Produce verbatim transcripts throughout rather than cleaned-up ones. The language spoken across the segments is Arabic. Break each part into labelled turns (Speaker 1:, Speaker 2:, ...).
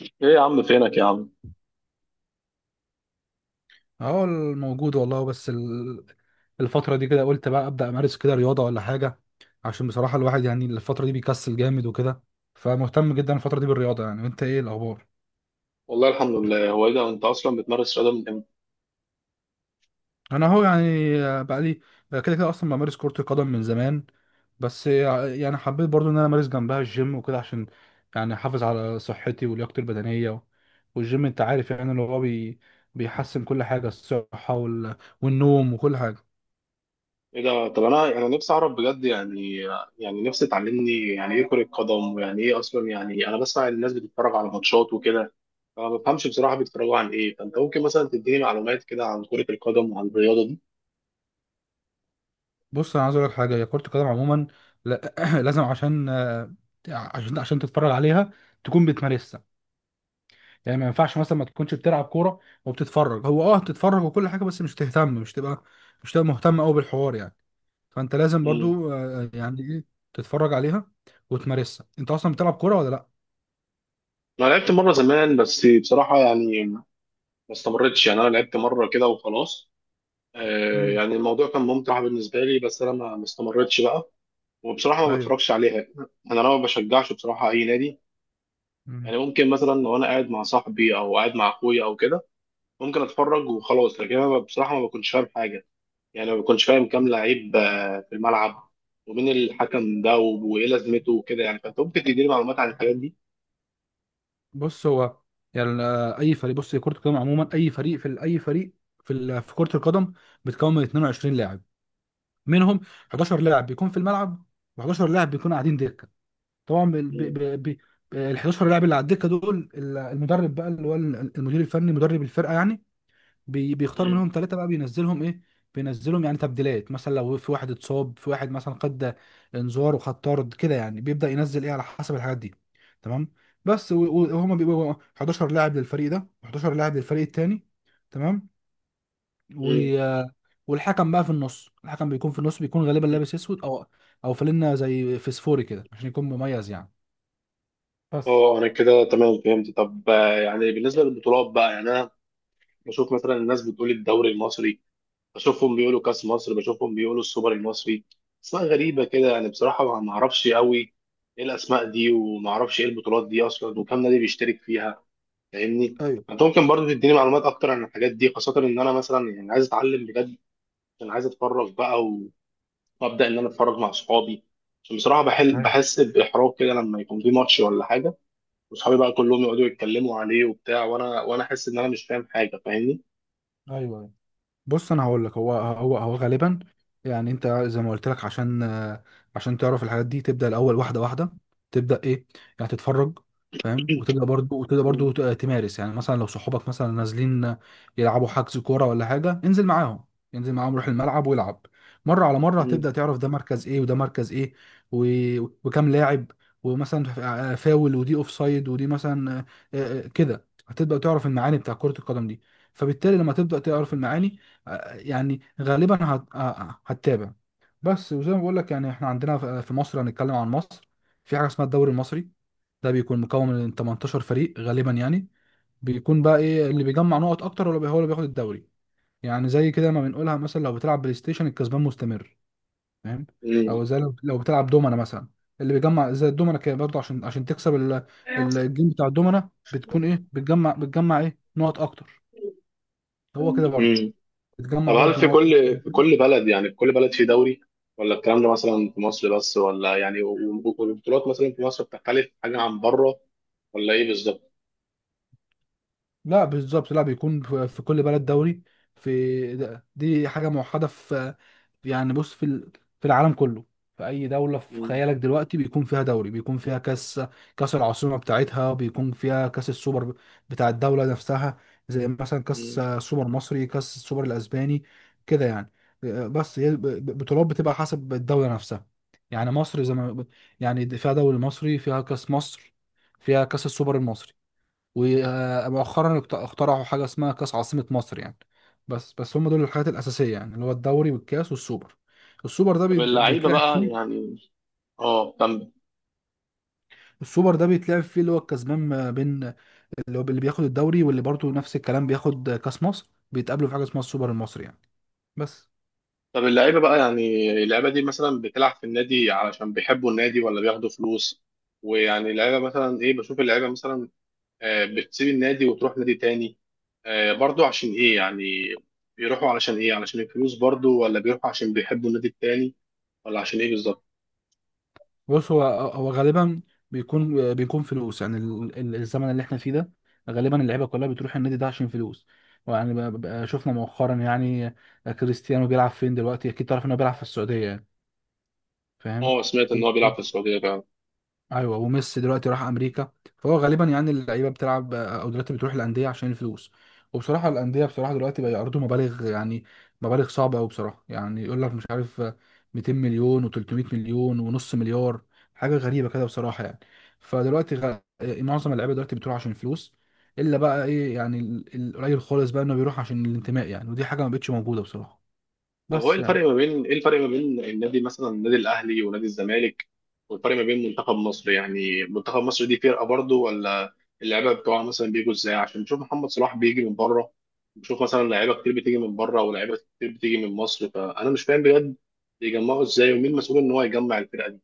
Speaker 1: ايه يا عم فينك يا عم؟
Speaker 2: اه، موجود والله بس ال- الفترة دي كده قلت بقى أبدأ أمارس كده رياضة ولا حاجة، عشان بصراحة الواحد يعني الفترة دي بيكسل جامد وكده، فمهتم جدا الفترة دي بالرياضة. يعني وأنت إيه الأخبار؟
Speaker 1: والله الحمد لله. هو ايه ده انت اصلا بتمارس رياضه من امتى؟
Speaker 2: أنا أهو يعني بقى لي، بقى كده كده أصلا بمارس كرة القدم من زمان، بس يعني حبيت برضو إن أنا أمارس جنبها الجيم وكده عشان يعني أحافظ على صحتي ولياقتي البدنية. والجيم أنت عارف يعني اللي هو بي بيحسن كل حاجة، الصحة وال... والنوم وكل حاجة.
Speaker 1: ايه ده؟ طب انا انا نفسي اعرف بجد يعني. يعني نفسي تعلمني يعني ايه كره قدم، ويعني ايه اصلا، يعني انا بسمع الناس بتتفرج على ماتشات وكده، فما بفهمش بصراحه بيتفرجوا عن ايه. فانت ممكن مثلا تديني معلومات كده عن كره القدم وعن الرياضه دي؟
Speaker 2: بص انا عايز اقول لك حاجه، هي كره القدم عموما، لا، لازم عشان آه، عشان عشان تتفرج عليها تكون بتمارسها. يعني ما ينفعش مثلا ما تكونش بتلعب كوره وبتتفرج، هو اه بتتفرج وكل حاجه بس مش تهتم، مش تبقى مش تبقى مهتم قوي بالحوار يعني. فانت لازم
Speaker 1: مم.
Speaker 2: برضو آه، يعني ايه تتفرج عليها وتمارسها. انت اصلا بتلعب كوره ولا لا؟
Speaker 1: انا لعبت مره زمان، بس بصراحه يعني ما استمرتش، يعني انا لعبت مره كده وخلاص. آه،
Speaker 2: مم.
Speaker 1: يعني الموضوع كان ممتع بالنسبه لي، بس انا ما ما استمرتش بقى. وبصراحة ما
Speaker 2: ايوه.
Speaker 1: بتفرجش عليها. أنا لو ما بشجعش بصراحة أي نادي.
Speaker 2: مم.
Speaker 1: يعني ممكن مثلا لو أنا قاعد مع صاحبي أو قاعد مع أخويا أو كده، ممكن أتفرج وخلاص. لكن أنا بصراحة ما بكونش فاهم حاجة، يعني ما بكونش فاهم كام لعيب آه، في الملعب، ومين الحكم ده و- وإيه لازمته وكده، يعني. فأنت ممكن تديني معلومات عن الحاجات دي؟
Speaker 2: بص، هو يعني آه، اي فريق، بص هي كره القدم عموما، اي فريق في ال- اي فريق في ال- في كره القدم بتكون من 22 لاعب، منهم 11 لاعب بيكون في الملعب و11 لاعب بيكونوا قاعدين دكه. طبعا ب... ب...
Speaker 1: مم.
Speaker 2: ب... ب... ال 11 لاعب اللي على الدكه دول ال- المدرب بقى اللي هو ال- المدير الفني، مدرب الفرقه يعني، بي... بيختار
Speaker 1: مم.
Speaker 2: منهم ثلاثه بقى بينزلهم ايه، بينزلهم يعني تبديلات. مثلا لو في واحد اتصاب، في واحد مثلا خد انذار وخد طرد كده، يعني بيبدا ينزل ايه على حسب الحاجات دي. تمام. بس و- و- وهما بيبقوا 11 لاعب للفريق ده و11 لاعب للفريق التاني. تمام. و...
Speaker 1: مم.
Speaker 2: والحكم بقى في النص، الحكم بيكون في النص، بيكون غالبا لابس اسود او او فانلة زي فسفوري كده عشان يكون مميز يعني. بس.
Speaker 1: اه، انا كده تمام فهمت. طب آه، يعني بالنسبه للبطولات بقى، يعني انا بشوف مثلا الناس بتقول الدوري المصري، بشوفهم بيقولوا كاس مصر، بشوفهم بيقولوا السوبر المصري، اسماء غريبه كده يعني. بصراحه ما ما اعرفش قوي ايه الاسماء دي، وما اعرفش ايه البطولات دي اصلا، وكم نادي بيشترك فيها، فاهمني؟
Speaker 2: ايوه.
Speaker 1: انت ممكن برضه تديني معلومات اكتر عن الحاجات دي، خاصه ان انا مثلا يعني عايز اتعلم بجد. انا عايز اتفرج بقى و- وابدا ان انا اتفرج مع اصحابي، عشان بصراحه بحل
Speaker 2: أيوة.
Speaker 1: بحس باحراج كده لما يكون في ماتش ولا حاجه، واصحابي بقى كلهم يقعدوا يتكلموا عليه وبتاع، وانا وانا احس ان انا مش فاهم حاجه، فاهمني؟
Speaker 2: ايوه. بص انا هقول لك، هو هو هو غالبا يعني، انت زي ما قلت لك عشان آه، عشان تعرف الحاجات دي تبدا الاول واحده واحده، تبدا ايه يعني، تتفرج فاهم، وتبدا برضو وتبدا برضو
Speaker 1: مم.
Speaker 2: ت- تمارس. يعني مثلا لو صحابك مثلا نازلين يلعبوا حجز كوره ولا حاجه، انزل معاهم، انزل معاهم، روح الملعب والعب. مره على مره
Speaker 1: مم.
Speaker 2: هتبدا تعرف ده مركز ايه وده مركز ايه و... وكام لاعب، ومثلا فا- فاول، ودي اوف سايد، ودي مثلا آه، آه، كده هتبدا تعرف المعاني بتاع كره القدم دي. فبالتالي لما تبدا تعرف المعاني يعني غالبا هت- آه، آه، هتتابع. بس، وزي ما بقول لك يعني احنا عندنا في في مصر، هنتكلم عن مصر، في حاجه اسمها الدوري المصري، ده بيكون مكون من 18 فريق غالبا يعني. بيكون بقى ايه اللي بيجمع نقط اكتر، ولا هو اللي بياخد الدوري، يعني زي كده ما بنقولها. مثلا لو بتلعب بلاي ستيشن الكسبان مستمر فاهم،
Speaker 1: مم.
Speaker 2: او زي لو لو بتلعب دومنا مثلا، اللي بيجمع زي الدومنا كده برضه، عشان عشان تكسب ال- ال- الجيم بتاع الدومنا بتكون ايه، بتجمع بتجمع ايه نقط اكتر، هو كده برضه
Speaker 1: مم. طب
Speaker 2: بتجمع
Speaker 1: هل
Speaker 2: برضه
Speaker 1: في
Speaker 2: نقط.
Speaker 1: كل في كل بلد، يعني في كل بلد في دوري؟ ولا الكلام ده مثلا في مصر بس؟ ولا يعني و- و- والبطولات مثلا في مصر بتختلف حاجة عن بره، ولا ايه بالظبط؟
Speaker 2: لا بالظبط، لا، بيكون في في كل بلد دوري، في ده- دي حاجة موحدة. في يعني بص في ال- في العالم كله، في أي دولة في
Speaker 1: مم.
Speaker 2: خيالك دلوقتي بيكون فيها دوري، بيكون فيها كأس، كأس العاصمة بتاعتها، بيكون فيها كأس السوبر بتاع الدولة نفسها، زي مثلا
Speaker 1: مم.
Speaker 2: كأس سوبر مصري، كأس السوبر الأسباني كده يعني. بس هي ب- ب- بطولات بتبقى حسب الدولة نفسها. يعني مصر زي ما يعني فيها دوري مصري، فيها كأس مصر، فيها كأس السوبر المصري، ومؤخرا اخترعوا حاجه اسمها كاس عاصمه مصر يعني. بس بس هم دول الحاجات الاساسيه يعني، اللي هو الدوري والكاس والسوبر. السوبر ده
Speaker 1: طب
Speaker 2: بيت-
Speaker 1: اللعيبة
Speaker 2: بيتلعب
Speaker 1: بقى
Speaker 2: فيه،
Speaker 1: يعني اه طب
Speaker 2: السوبر ده بيتلعب فيه اللي هو الكسبان ما بين اللي هو اللي بياخد الدوري واللي برضه نفس الكلام بياخد كاس مصر، بيتقابلوا في حاجه اسمها السوبر المصري يعني. بس.
Speaker 1: طب اللعيبة بقى يعني، اللعيبة دي مثلا بتلعب في النادي علشان بيحبوا النادي، ولا بياخدوا فلوس؟ ويعني اللعيبة مثلا ايه، بشوف اللعيبة مثلا آه، بتسيب النادي وتروح نادي تاني آه، برضو، عشان ايه يعني؟ بيروحوا علشان ايه، علشان الفلوس برضو، ولا بيروحوا عشان بيحبوا النادي التاني، ولا عشان ايه بالظبط؟
Speaker 2: بص، هو هو غالبا بيكون، بيكون فلوس يعني، ال- ال- الزمن اللي احنا فيه ده غالبا اللعيبه كلها بتروح النادي ده عشان فلوس. ويعني ب- ب- شفنا مؤخرا يعني كريستيانو بيلعب فين دلوقتي، اكيد تعرف انه بيلعب في السعوديه يعني. فاهم.
Speaker 1: اه، سمعت
Speaker 2: و...
Speaker 1: ان هو
Speaker 2: و...
Speaker 1: بيلعب في السعوديه فعلا.
Speaker 2: ايوه وميسي دلوقتي راح امريكا، فهو غالبا يعني اللعيبه بتلعب او دلوقتي بتروح الانديه عشان الفلوس. وبصراحه الانديه بصراحه دلوقتي بقى يعرضوا مبالغ يعني، مبالغ صعبه قوي بصراحه، يعني يقول لك مش عارف، 200 مليون و300 مليون ونص مليار، حاجه غريبه كده بصراحه يعني. فدلوقتي غ... إيه، معظم اللعيبه دلوقتي بتروح عشان الفلوس، الا بقى ايه يعني، ال- القليل خالص بقى انه بيروح عشان الانتماء، يعني ودي حاجه ما بقتش موجوده بصراحه.
Speaker 1: طب هو ايه
Speaker 2: بس يعني.
Speaker 1: الفرق ما بين، ايه الفرق ما بين النادي مثلا، النادي الاهلي ونادي الزمالك، والفرق ما بين منتخب مصر؟ يعني منتخب مصر دي فرقه برضه، ولا اللعيبه بتوعها مثلا بيجوا ازاي، عشان نشوف محمد صلاح بيجي من بره، بشوف مثلا لعيبه كتير بتيجي من بره، ولاعيبه كتير بتيجي من مصر؟ فانا مش فاهم بجد بيجمعوا ازاي، ومين مسؤول ان هو يجمع الفرقه دي.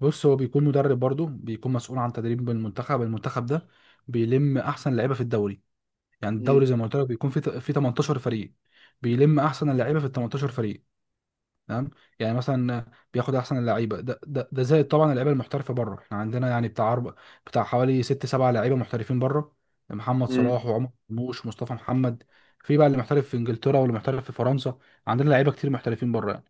Speaker 2: بص، هو بيكون مدرب برضه بيكون مسؤول عن تدريب المنتخب، المنتخب ده بيلم احسن لعيبه في الدوري. يعني
Speaker 1: امم.
Speaker 2: الدوري زي ما قلت لك بيكون في في 18 فريق، بيلم احسن اللعيبه في ال 18 فريق. تمام. يعني مثلا بياخد احسن اللعيبه، ده ده ده زائد طبعا اللعيبه المحترفه بره، احنا عندنا يعني بتاع أربع، بتاع حوالي ست سبع لعيبه محترفين بره، محمد صلاح
Speaker 1: امم.
Speaker 2: وعمر مرموش ومصطفى محمد، في بقى اللي محترف في انجلترا واللي محترف في فرنسا. عندنا لعيبه كتير محترفين بره.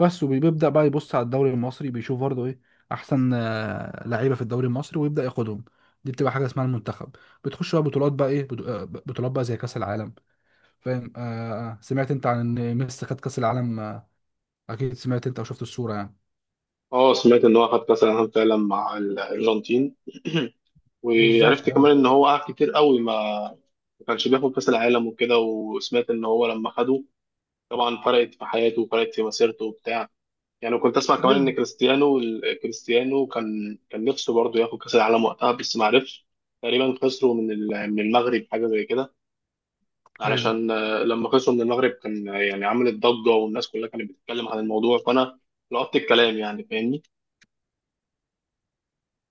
Speaker 2: بس وبيبدأ بقى يبص على الدوري المصري، بيشوف برضه ايه احسن آه، لعيبه في الدوري المصري ويبدأ ياخدهم. دي بتبقى حاجه اسمها المنتخب. بتخش بقى بطولات بقى ايه، بط- آه، بطولات بقى زي كأس العالم فاهم. آه. آه، آه. سمعت انت عن ان ميسي خد كأس العالم، آه، اكيد سمعت انت او شفت الصوره يعني.
Speaker 1: اه، سمعت ان هو خد كاس العالم فعلا مع الارجنتين.
Speaker 2: بالظبط.
Speaker 1: وعرفت
Speaker 2: ايوه،
Speaker 1: كمان ان هو قعد كتير قوي ما ما كانش بياخد كاس العالم وكده. وسمعت ان هو لما خده طبعا فرقت في حياته وفرقت في مسيرته وبتاع. يعني كنت اسمع كمان
Speaker 2: ايوه.
Speaker 1: ان كريستيانو، كريستيانو كان كان نفسه برضه ياخد كاس العالم وقتها، بس ما عرفش. تقريبا خسروا من ال- من المغرب حاجه زي كده.
Speaker 2: أيوة.
Speaker 1: علشان آه، لما خسروا من المغرب كان آه، يعني عملت ضجه، والناس كلها كانت بتتكلم عن الموضوع، فانا لقطت الكلام يعني، فاهمني؟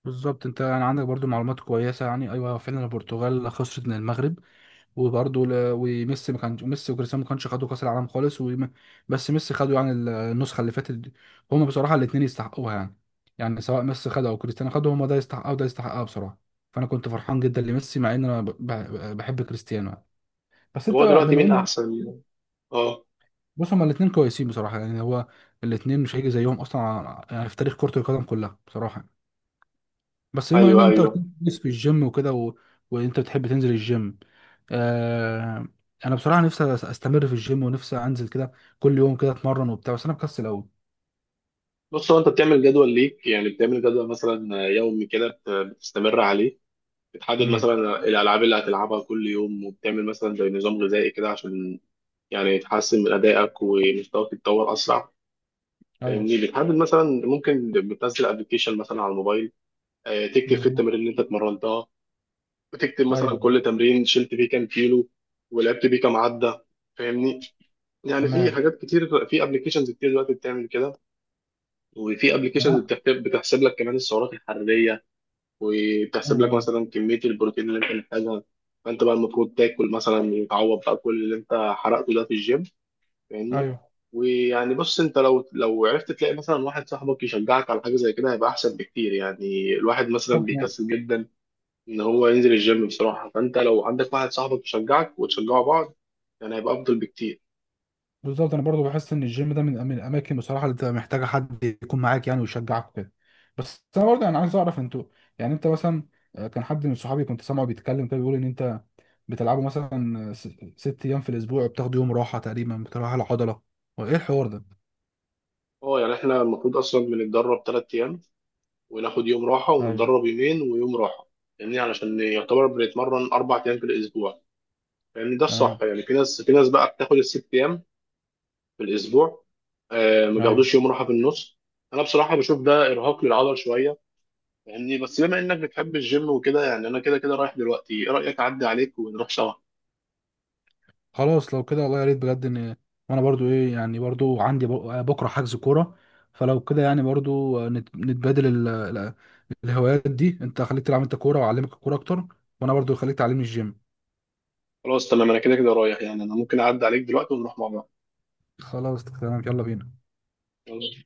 Speaker 2: بالظبط، انت يعني عندك برضو معلومات كويسه يعني. ايوه فعلا البرتغال خسرت من المغرب. وبرضه ل- وميسي ما كانش، ميسي وكريستيانو ما كانش خدوا كاس العالم خالص وم... بس ميسي خدوا يعني ال- النسخه اللي فاتت دي. هما بصراحه الاثنين يستحقوها يعني. يعني سواء ميسي خدها او كريستيانو خدها، هما ده يستحقها وده يستحقها بصراحه. فانا كنت فرحان جدا لميسي مع ان انا ب... ب... بحب كريستيانو يعني. بس
Speaker 1: طب
Speaker 2: انت
Speaker 1: هو
Speaker 2: بقى
Speaker 1: دلوقتي
Speaker 2: بما
Speaker 1: مين
Speaker 2: ان،
Speaker 1: احسن؟ اه.
Speaker 2: بص هما الاثنين كويسين بصراحه يعني، هو الاثنين مش هيجي زيهم اصلا ع- يعني في تاريخ كره القدم كلها بصراحه يعني. بس بما ان
Speaker 1: ايوه،
Speaker 2: انت قلت
Speaker 1: ايوه.
Speaker 2: لي كويس في الجيم وكده و... وانت بتحب تنزل الجيم آه... انا بصراحه نفسي أس- استمر في الجيم، ونفسي انزل كده كل يوم كده اتمرن وبتاع، بس انا مكسل قوي.
Speaker 1: بص هو، انت بتعمل جدول ليك؟ يعني بتعمل جدول مثلا يومي كده بت- بتستمر عليه؟ بتحدد
Speaker 2: امم.
Speaker 1: مثلا الالعاب اللي هتلعبها كل يوم، وبتعمل مثلا زي نظام غذائي كده عشان يعني تحسن من ادائك، ومستواك يتطور اسرع،
Speaker 2: ايوه.
Speaker 1: فاهمني؟ بتحدد مثلا، ممكن بتنزل ابلكيشن مثلا على الموبايل آه، تكتب فيه
Speaker 2: بالظبط.
Speaker 1: التمارين اللي انت اتمرنتها، بتكتب مثلا
Speaker 2: ايوه.
Speaker 1: كل تمرين شلت فيه كام كيلو، ولعبت بيه كام عده، فاهمني؟ يعني في
Speaker 2: تمام.
Speaker 1: حاجات كتير، في ابلكيشنز كتير دلوقتي بتعمل كده. وفي
Speaker 2: يعني
Speaker 1: ابلكيشنز
Speaker 2: أنا-
Speaker 1: بتحسب، بتحسب لك كمان السعرات الحراريه، وبتحسب
Speaker 2: ايوه،
Speaker 1: لك
Speaker 2: ايوه.
Speaker 1: مثلا كمية البروتين اللي انت محتاجها. فانت بقى المفروض تاكل مثلا، تعوض بقى كل اللي انت حرقته ده في الجيم، فاهمني؟
Speaker 2: ايوه.
Speaker 1: ويعني بص انت لو لو عرفت تلاقي مثلا واحد صاحبك يشجعك على حاجة زي كده، هيبقى احسن بكتير. يعني الواحد مثلا
Speaker 2: طب.
Speaker 1: بيكسل جدا ان هو ينزل الجيم بصراحة، فانت لو عندك واحد صاحبك يشجعك وتشجعوا بعض، يعني هيبقى افضل بكتير.
Speaker 2: بالظبط، انا برضو بحس ان الجيم ده من من الاماكن بصراحه اللي بتبقى محتاجه حد يكون معاك يعني ويشجعك كده. بس انا برضو انا عايز اعرف انتوا يعني، انت مثلا آه، كان حد من صحابي كنت سامعه بيتكلم كده بيقول ان انت بتلعبوا مثلا، آه، س- ست ايام في الاسبوع وبتاخدوا يوم راحه تقريبا بتروح على العضله، وايه الحوار ده؟
Speaker 1: اه، يعني احنا المفروض اصلا بنتدرب ثلاث ايام وناخد يوم راحة،
Speaker 2: ايوه.
Speaker 1: ونتدرب يومين ويوم راحة، يعني علشان يعتبر بنتمرن اربع ايام في الاسبوع، لان ده الصح.
Speaker 2: تمام.
Speaker 1: يعني في ناس في ناس بقى بتاخد الست ايام في الاسبوع، آه ما
Speaker 2: ايوه.
Speaker 1: بياخدوش يوم راحه في النص. انا بصراحه بشوف ده ارهاق للعضل شويه يعني. بس بما انك بتحب الجيم وكده يعني، انا كده كده رايح دلوقتي، ايه رايك اعدي عليك ونروح سوا؟
Speaker 2: خلاص لو كده والله يا ريت بجد ان، وانا برضو ايه يعني برضو عندي بق- بكره حجز كوره، فلو كده يعني برضو نت- نتبادل ال- ال- الهوايات دي، انت خليك تلعب انت كوره واعلمك الكوره اكتر، وانا برضو خليك تعلمني الجيم.
Speaker 1: خلاص تمام، انا كده كده رايح يعني، انا ممكن اعدي عليك دلوقتي ونروح مع بعض.
Speaker 2: خلاص تمام يلا بينا
Speaker 1: يلا.